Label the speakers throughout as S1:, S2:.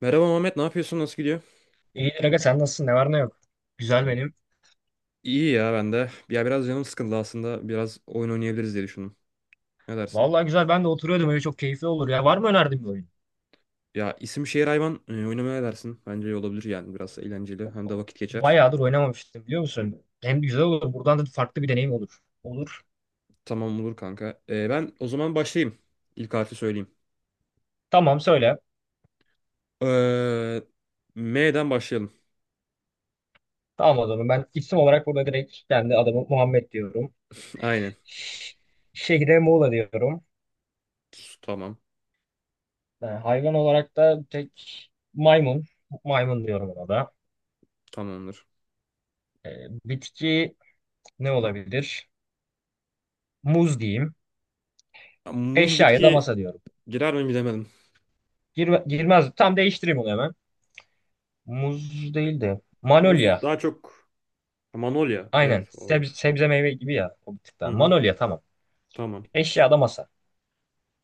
S1: Merhaba Muhammed, ne yapıyorsun? Nasıl gidiyor?
S2: İyidir aga sen nasılsın? Ne var ne yok. Güzel benim.
S1: İyi ya ben de. Ya biraz canım sıkıldı aslında. Biraz oyun oynayabiliriz diye düşündüm. Ne dersin?
S2: Vallahi güzel ben de oturuyordum öyle çok keyifli olur ya. Var mı önerdiğin bir oyun?
S1: Ya isim şehir hayvan oynamaya ne dersin? Bence iyi olabilir yani biraz eğlenceli. Hem de vakit geçer.
S2: Bayağıdır oynamamıştım biliyor musun? Hem güzel olur buradan da farklı bir deneyim olur. Olur.
S1: Tamam olur kanka. Ben o zaman başlayayım. İlk harfi söyleyeyim.
S2: Tamam söyle.
S1: Ee, M'den başlayalım.
S2: Tamam o zaman ben isim olarak burada direkt kendi adamı Muhammed diyorum.
S1: Aynen.
S2: Ş- Şehre Muğla diyorum.
S1: Tamam.
S2: Hayvan olarak da tek maymun. Maymun diyorum ona da.
S1: Tamamdır.
S2: Ee, bitki ne olabilir? Muz diyeyim.
S1: Ya, muz
S2: Eşyaya da
S1: bitki
S2: masa diyorum.
S1: girer mi bilemedim.
S2: Girmez. Tam değiştireyim onu hemen. Muz değil de
S1: Muz
S2: Manolya.
S1: daha çok Manolya.
S2: Aynen.
S1: Evet
S2: Sebze,
S1: olabilir.
S2: sebze meyve gibi ya. O bir tık
S1: Hı
S2: daha.
S1: hı.
S2: Manolya tamam.
S1: Tamam.
S2: Eşyada masa.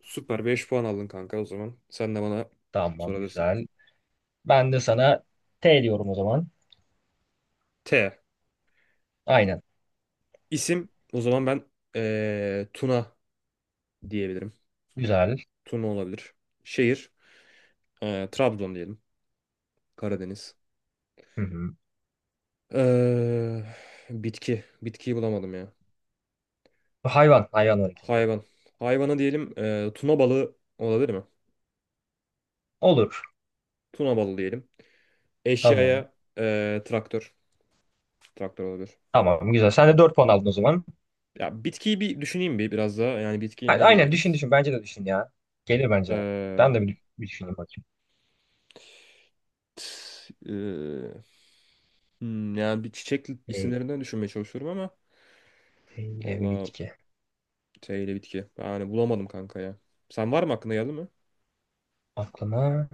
S1: Süper, 5 puan aldın kanka o zaman. Sen de bana
S2: Tamam
S1: sorabilirsin.
S2: güzel. Ben de sana T diyorum o zaman.
S1: T.
S2: Aynen.
S1: İsim o zaman ben Tuna diyebilirim.
S2: Güzel.
S1: Tuna olabilir. Şehir Trabzon diyelim. Karadeniz.
S2: Hı hı.
S1: Eee, bitki. Bitkiyi bulamadım ya.
S2: Hayvan. Hayvan var ikinci.
S1: Hayvan. Hayvana diyelim tuna balığı olabilir mi?
S2: Olur.
S1: Tuna balığı diyelim.
S2: Tamam.
S1: Eşyaya traktör. Traktör olabilir.
S2: Tamam güzel. Sen de 4 puan aldın o zaman.
S1: Ya bitkiyi bir düşüneyim biraz daha. Yani bitki ne
S2: Aynen düşün
S1: diyebiliriz?
S2: düşün. Bence de düşün ya. Gelir bence. Ben
S1: Eee,
S2: de bir düşüneyim bakayım.
S1: t- eee, Hmm, yani bir çiçek
S2: E,
S1: isimlerinden düşünmeye çalışıyorum ama
S2: eyle bir
S1: valla
S2: bitki.
S1: T ile bitki. Yani bulamadım kanka ya. Sen var mı aklına geldi mi?
S2: Aklıma.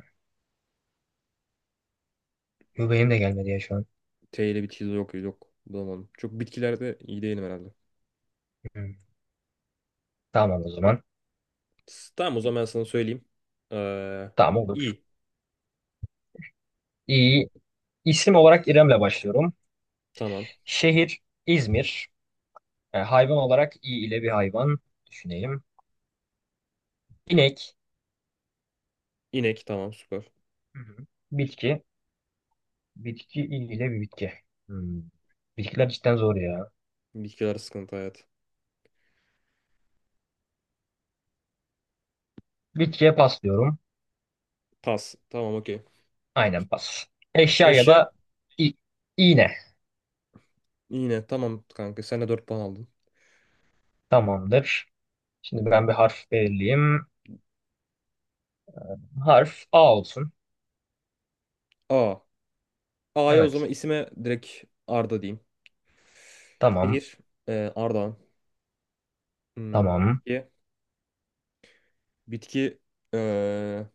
S2: Yo, benim de gelmedi ya şu an.
S1: T ile bitki yok, yok bulamadım. Çok bitkilerde iyi değilim herhalde.
S2: Hı. Tamam o zaman.
S1: Tamam o zaman ben sana söyleyeyim. Ee,
S2: Tamam olur.
S1: İ.
S2: İyi. İsim olarak İrem'le başlıyorum.
S1: Tamam.
S2: Şehir İzmir. E, hayvan olarak i ile bir hayvan düşünelim. İnek.
S1: İnek. Tamam süper.
S2: Hı hı. Bitki. Bitki i ile bir bitki. Hmm. Bitkiler cidden zor ya.
S1: Bitkiler sıkıntı hayat.
S2: Bitkiye pas diyorum.
S1: Pas. Tamam okey.
S2: Aynen pas. Eşya ya
S1: Eşya.
S2: da i- iğne.
S1: Yine tamam kanka. Sen de 4 puan aldın.
S2: Tamamdır. Şimdi ben bir harf belirleyeyim. Harf A olsun.
S1: A. A'ya o
S2: Evet.
S1: zaman isime direkt Arda diyeyim.
S2: Tamam.
S1: Şehir. Ardahan. Hmm,
S2: Tamam.
S1: bitki. Bitki eee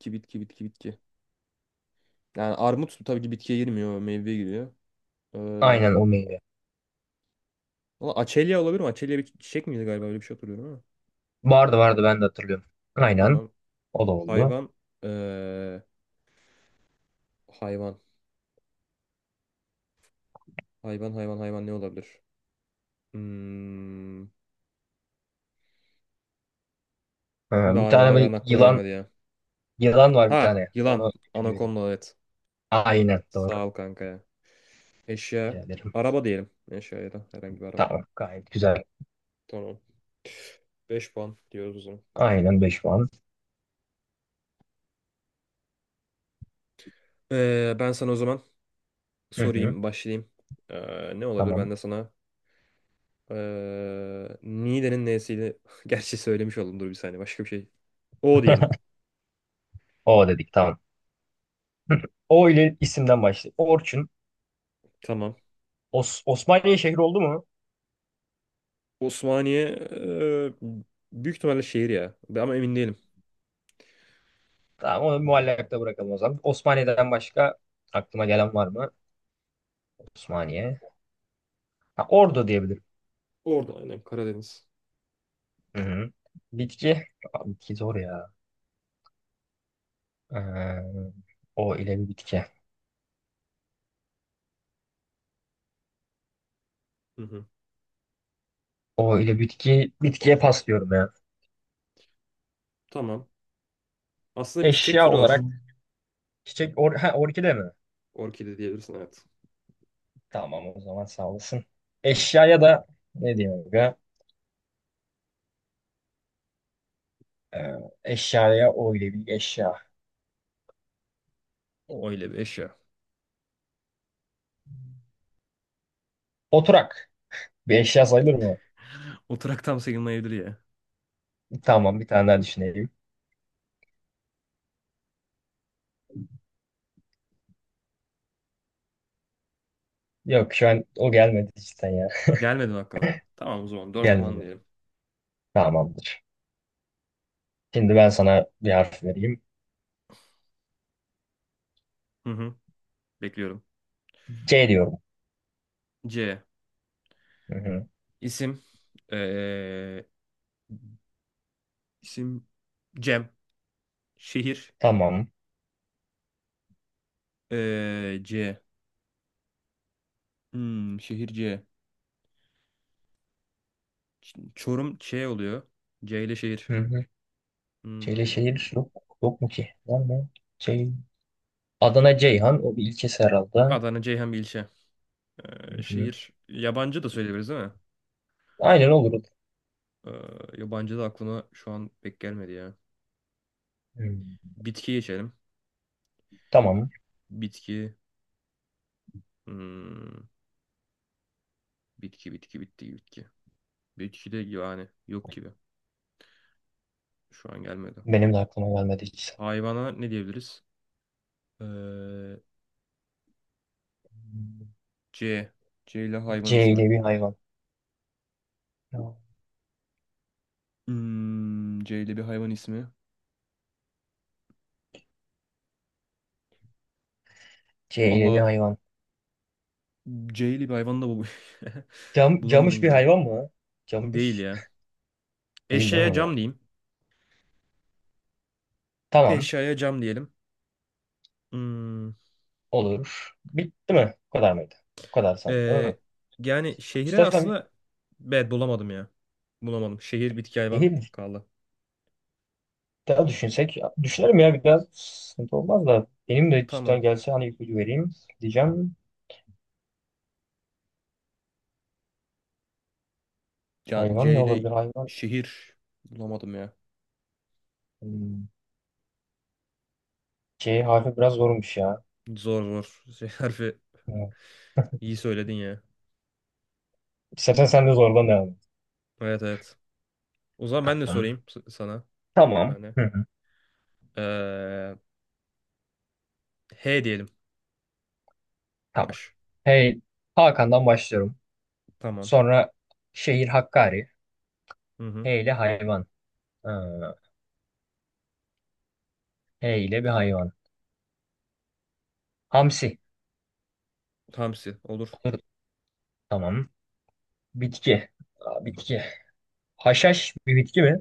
S1: ki bitki bitki. Yani armut tabii ki bitkiye girmiyor, meyveye giriyor.
S2: Aynen
S1: Eee
S2: o meyve.
S1: valla açelya olabilir mi? Açelya bir çiçek miydi galiba? Öyle bir şey hatırlıyorum ama.
S2: Vardı vardı ben de hatırlıyorum. Aynen.
S1: Tamam.
S2: O da oldu.
S1: Hayvan eee, hayvan. Hayvan ne olabilir? Hmm.
S2: Ha, bir
S1: Daha
S2: tane
S1: hayvan
S2: bir
S1: aklıma
S2: yılan
S1: gelmedi ya.
S2: yılan var bir
S1: Ha,
S2: tane.
S1: yılan.
S2: Onu vereyim.
S1: Anakonda evet.
S2: Aynen doğru.
S1: Sağ ol kanka ya.
S2: Rica
S1: Eşya.
S2: ederim.
S1: Araba diyelim. Eşya ya da herhangi bir araba.
S2: Tamam gayet güzel.
S1: Tamam. 5 puan diyoruz o zaman.
S2: Aynen 5 puan.
S1: Ben sana o zaman
S2: Hı hı.
S1: sorayım, başlayayım. Ne olabilir? Ben
S2: Tamam.
S1: de sana Niğde'nin N'siydi. Gerçi söylemiş oldum. Dur bir saniye. Başka bir şey. O diyelim.
S2: O dedik tamam. Hı. O ile isimden başlayalım. Orçun.
S1: Tamam.
S2: Osmaniye şehri oldu mu?
S1: Osmaniye ee, büyük ihtimalle şehir ya. Ama emin değilim.
S2: Tamam onu muallakta bırakalım o zaman. Osmaniye'den başka aklıma gelen var mı? Osmaniye. Ha, Ordu diyebilirim.
S1: Orada aynen. Karadeniz.
S2: Hı hı. Bitki. Aa, bitki zor ya. Ee, o ile bir bitki.
S1: Hı hı.
S2: O ile bitki. Bitkiye pas diyorum ya.
S1: Tamam. Aslında bir çiçek
S2: Eşya
S1: türü var.
S2: olarak çiçek or ha, orkide mi?
S1: Orkide diyebilirsin evet.
S2: Tamam o zaman sağ olasın. Eşyaya da ne diyeyim aga? Ee, eşyaya öyle bir eşya.
S1: O öyle bir eşya.
S2: Oturak. Bir eşya sayılır mı?
S1: Oturak tam sayılmayabilir ya.
S2: Tamam bir tane daha düşünelim. Yok şu an o gelmedi cidden ya.
S1: Gelmedi mi? Tamam o zaman 4 puan
S2: Gelmedi.
S1: diyelim.
S2: Tamamdır. Şimdi ben sana bir harf vereyim.
S1: Hı hı. Bekliyorum.
S2: C diyorum.
S1: C.
S2: Hı hı.
S1: İsim. Ee, İsim Cem. Şehir
S2: Tamam.
S1: C. Hmm, şehir C. Çorum Ç oluyor. C ile şehir.
S2: Hı hı. C ile
S1: Hmm,
S2: şehir yok. Yok mu ki? Var mı? C. Adana Ceyhan. O bir ilçesi herhalde.
S1: Adana Ceyhan bir ilçe.
S2: Hı hı.
S1: Şehir yabancı da söyleyebiliriz değil mi?
S2: Aynen olur.
S1: Eee, yabancı da aklıma şu an pek gelmedi ya.
S2: Hı.
S1: Bitki geçelim.
S2: Tamam.
S1: Bitki. Hmm, bitki. Bitki de yani yok gibi. Şu an gelmedi.
S2: Benim de aklıma gelmedi hiç.
S1: Hayvana ne diyebiliriz? Eee, C. C ile hayvan
S2: C
S1: ismi.
S2: ile bir hayvan. Tamam.
S1: Hmm, C ile bir hayvan ismi.
S2: C'yle bir
S1: Valla
S2: hayvan.
S1: C'li bir hayvan da bu.
S2: Cam,
S1: Bulamadım
S2: camış bir
S1: gibi.
S2: hayvan mı?
S1: Değil
S2: Camış
S1: ya.
S2: değil değil
S1: Eşeğe
S2: mi o?
S1: cam diyeyim.
S2: Tamam.
S1: Eşyaya cam diyelim. Hmm,
S2: Olur. Bitti mi? Bu kadar mıydı? Bu kadar sandım değil mi?
S1: ee, yani şehre
S2: İstersen bir
S1: aslında evet bulamadım ya. Bulamadım. Şehir bitki hayvan
S2: şehir
S1: kaldı.
S2: daha düşünsek. Düşünelim ya biraz sıkıntı olmaz da. Benim de
S1: Tamam.
S2: cidden gelse hani ipucu vereyim diyeceğim.
S1: Yani
S2: Hayvan
S1: C
S2: ne
S1: ile
S2: olabilir hayvan?
S1: şehir bulamadım ya.
S2: Hmm, C harfi biraz zormuş ya.
S1: Zor, zor. Şey, harfi
S2: Evet.
S1: iyi söyledin ya.
S2: İstersen sen de zorlan devam et.
S1: Evet. O zaman ben de
S2: Tamam.
S1: sorayım sana.
S2: Tamam.
S1: Yani.
S2: Hı hı.
S1: Ee, H diyelim.
S2: Tamam.
S1: H.
S2: Hey, Hakan'dan başlıyorum.
S1: Tamam.
S2: Sonra şehir Hakkari.
S1: Hı hı.
S2: Hey ile hayvan. Ee, H ile bir hayvan. Hamsi.
S1: Hamsi olur.
S2: Olur. Tamam. Bitki. Aa, bitki. Haşhaş bir bitki mi?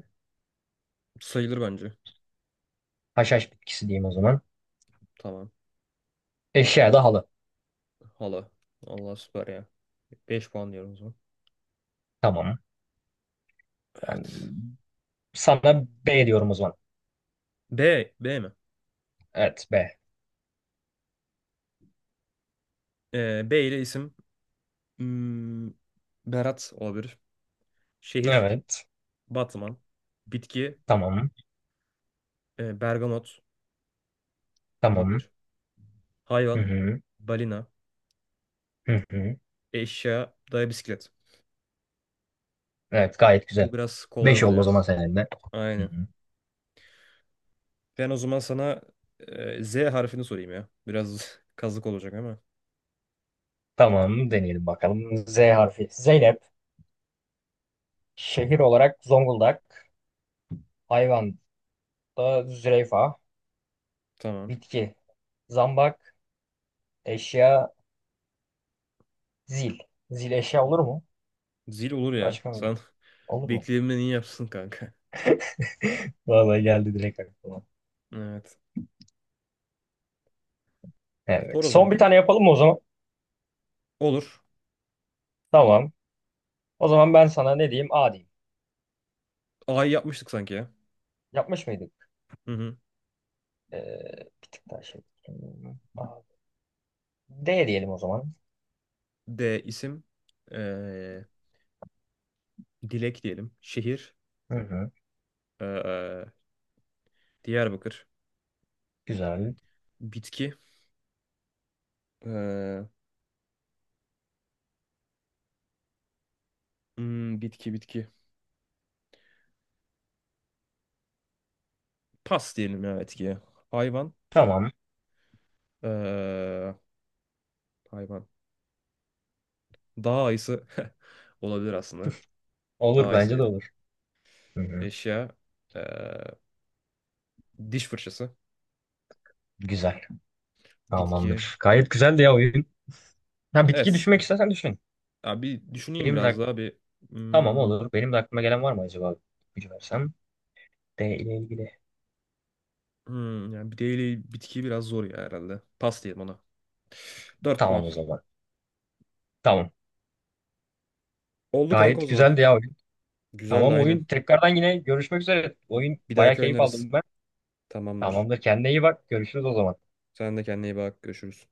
S1: Sayılır bence.
S2: Haşhaş bitkisi diyeyim o zaman.
S1: Tamam.
S2: Eşya da halı.
S1: Hala. Allah süper ya. 5 puan diyorum o zaman.
S2: Tamam.
S1: Evet.
S2: Ben sana B diyorum o zaman.
S1: B. B mi?
S2: Evet B.
S1: B ile isim. Hmm, Berat olabilir. Şehir.
S2: Evet.
S1: Batman. Bitki.
S2: Tamam.
S1: Bergamot
S2: Tamam.
S1: olabilir.
S2: Hı
S1: Hayvan.
S2: hı.
S1: Balina.
S2: Hı hı.
S1: Eşya. Daya bisiklet.
S2: Evet gayet güzel.
S1: Bu biraz kolay
S2: 5
S1: oldu
S2: oldu o
S1: ya.
S2: zaman senin de. Hı
S1: Aynen.
S2: hı.
S1: Ben o zaman sana Z harfini sorayım ya. Biraz kazık olacak ama.
S2: Tamam deneyelim bakalım. Z harfi. Zeynep. Şehir olarak Zonguldak. Hayvan da zürafa.
S1: Tamam.
S2: Bitki. Zambak. Eşya zil. Zil eşya olur mu?
S1: Zil olur ya.
S2: Başka mı?
S1: Sen
S2: Olur mu?
S1: bekleyimden iyi yapsın kanka.
S2: Vallahi geldi direkt aklıma.
S1: Evet. Sor
S2: Evet.
S1: o zaman.
S2: Son bir tane yapalım mı o zaman?
S1: Olur.
S2: Tamam. O zaman ben sana ne diyeyim? A diyeyim.
S1: A'yı yapmıştık sanki ya.
S2: Yapmış mıydık?
S1: Hı hı.
S2: Ee, bir tık daha şey. A. D diyelim o zaman.
S1: D isim. Ee, Dilek diyelim. Şehir.
S2: Hı hı.
S1: Ee, Diyarbakır.
S2: Güzel.
S1: Bitki. Ee, bitki. Pas diyelim ya bitkiye. Hayvan.
S2: Tamam.
S1: Ee, hayvan. Dağ ayısı. Olabilir aslında. Dağ
S2: Olur
S1: ayısı
S2: bence de
S1: diyelim.
S2: olur. Hı hı.
S1: Eşya. Ee, diş fırçası.
S2: Güzel.
S1: Bitki.
S2: Tamamdır. Gayet güzeldi ya oyun. Ha, bitki
S1: Evet.
S2: düşünmek istersen düşün.
S1: Abi düşüneyim
S2: Benim de
S1: biraz
S2: ak-
S1: daha bir.
S2: tamam
S1: Hmm,
S2: olur. Benim de aklıma gelen var mı acaba? Gücü versem. D ile ilgili.
S1: Yani bir değil bitki biraz zor ya herhalde. Pas diyelim ona. 4
S2: Tamam
S1: puan.
S2: o zaman. Tamam.
S1: Oldu kanka o
S2: Gayet
S1: zaman.
S2: güzeldi ya oyun.
S1: Güzeldi
S2: Tamam
S1: aynen.
S2: oyun. Tekrardan yine görüşmek üzere. Oyun
S1: Bir
S2: bayağı
S1: dahaki
S2: keyif
S1: oynarız.
S2: aldım ben.
S1: Tamamdır.
S2: Tamamdır. Kendine iyi bak. Görüşürüz o zaman.
S1: Sen de kendine iyi bak. Görüşürüz.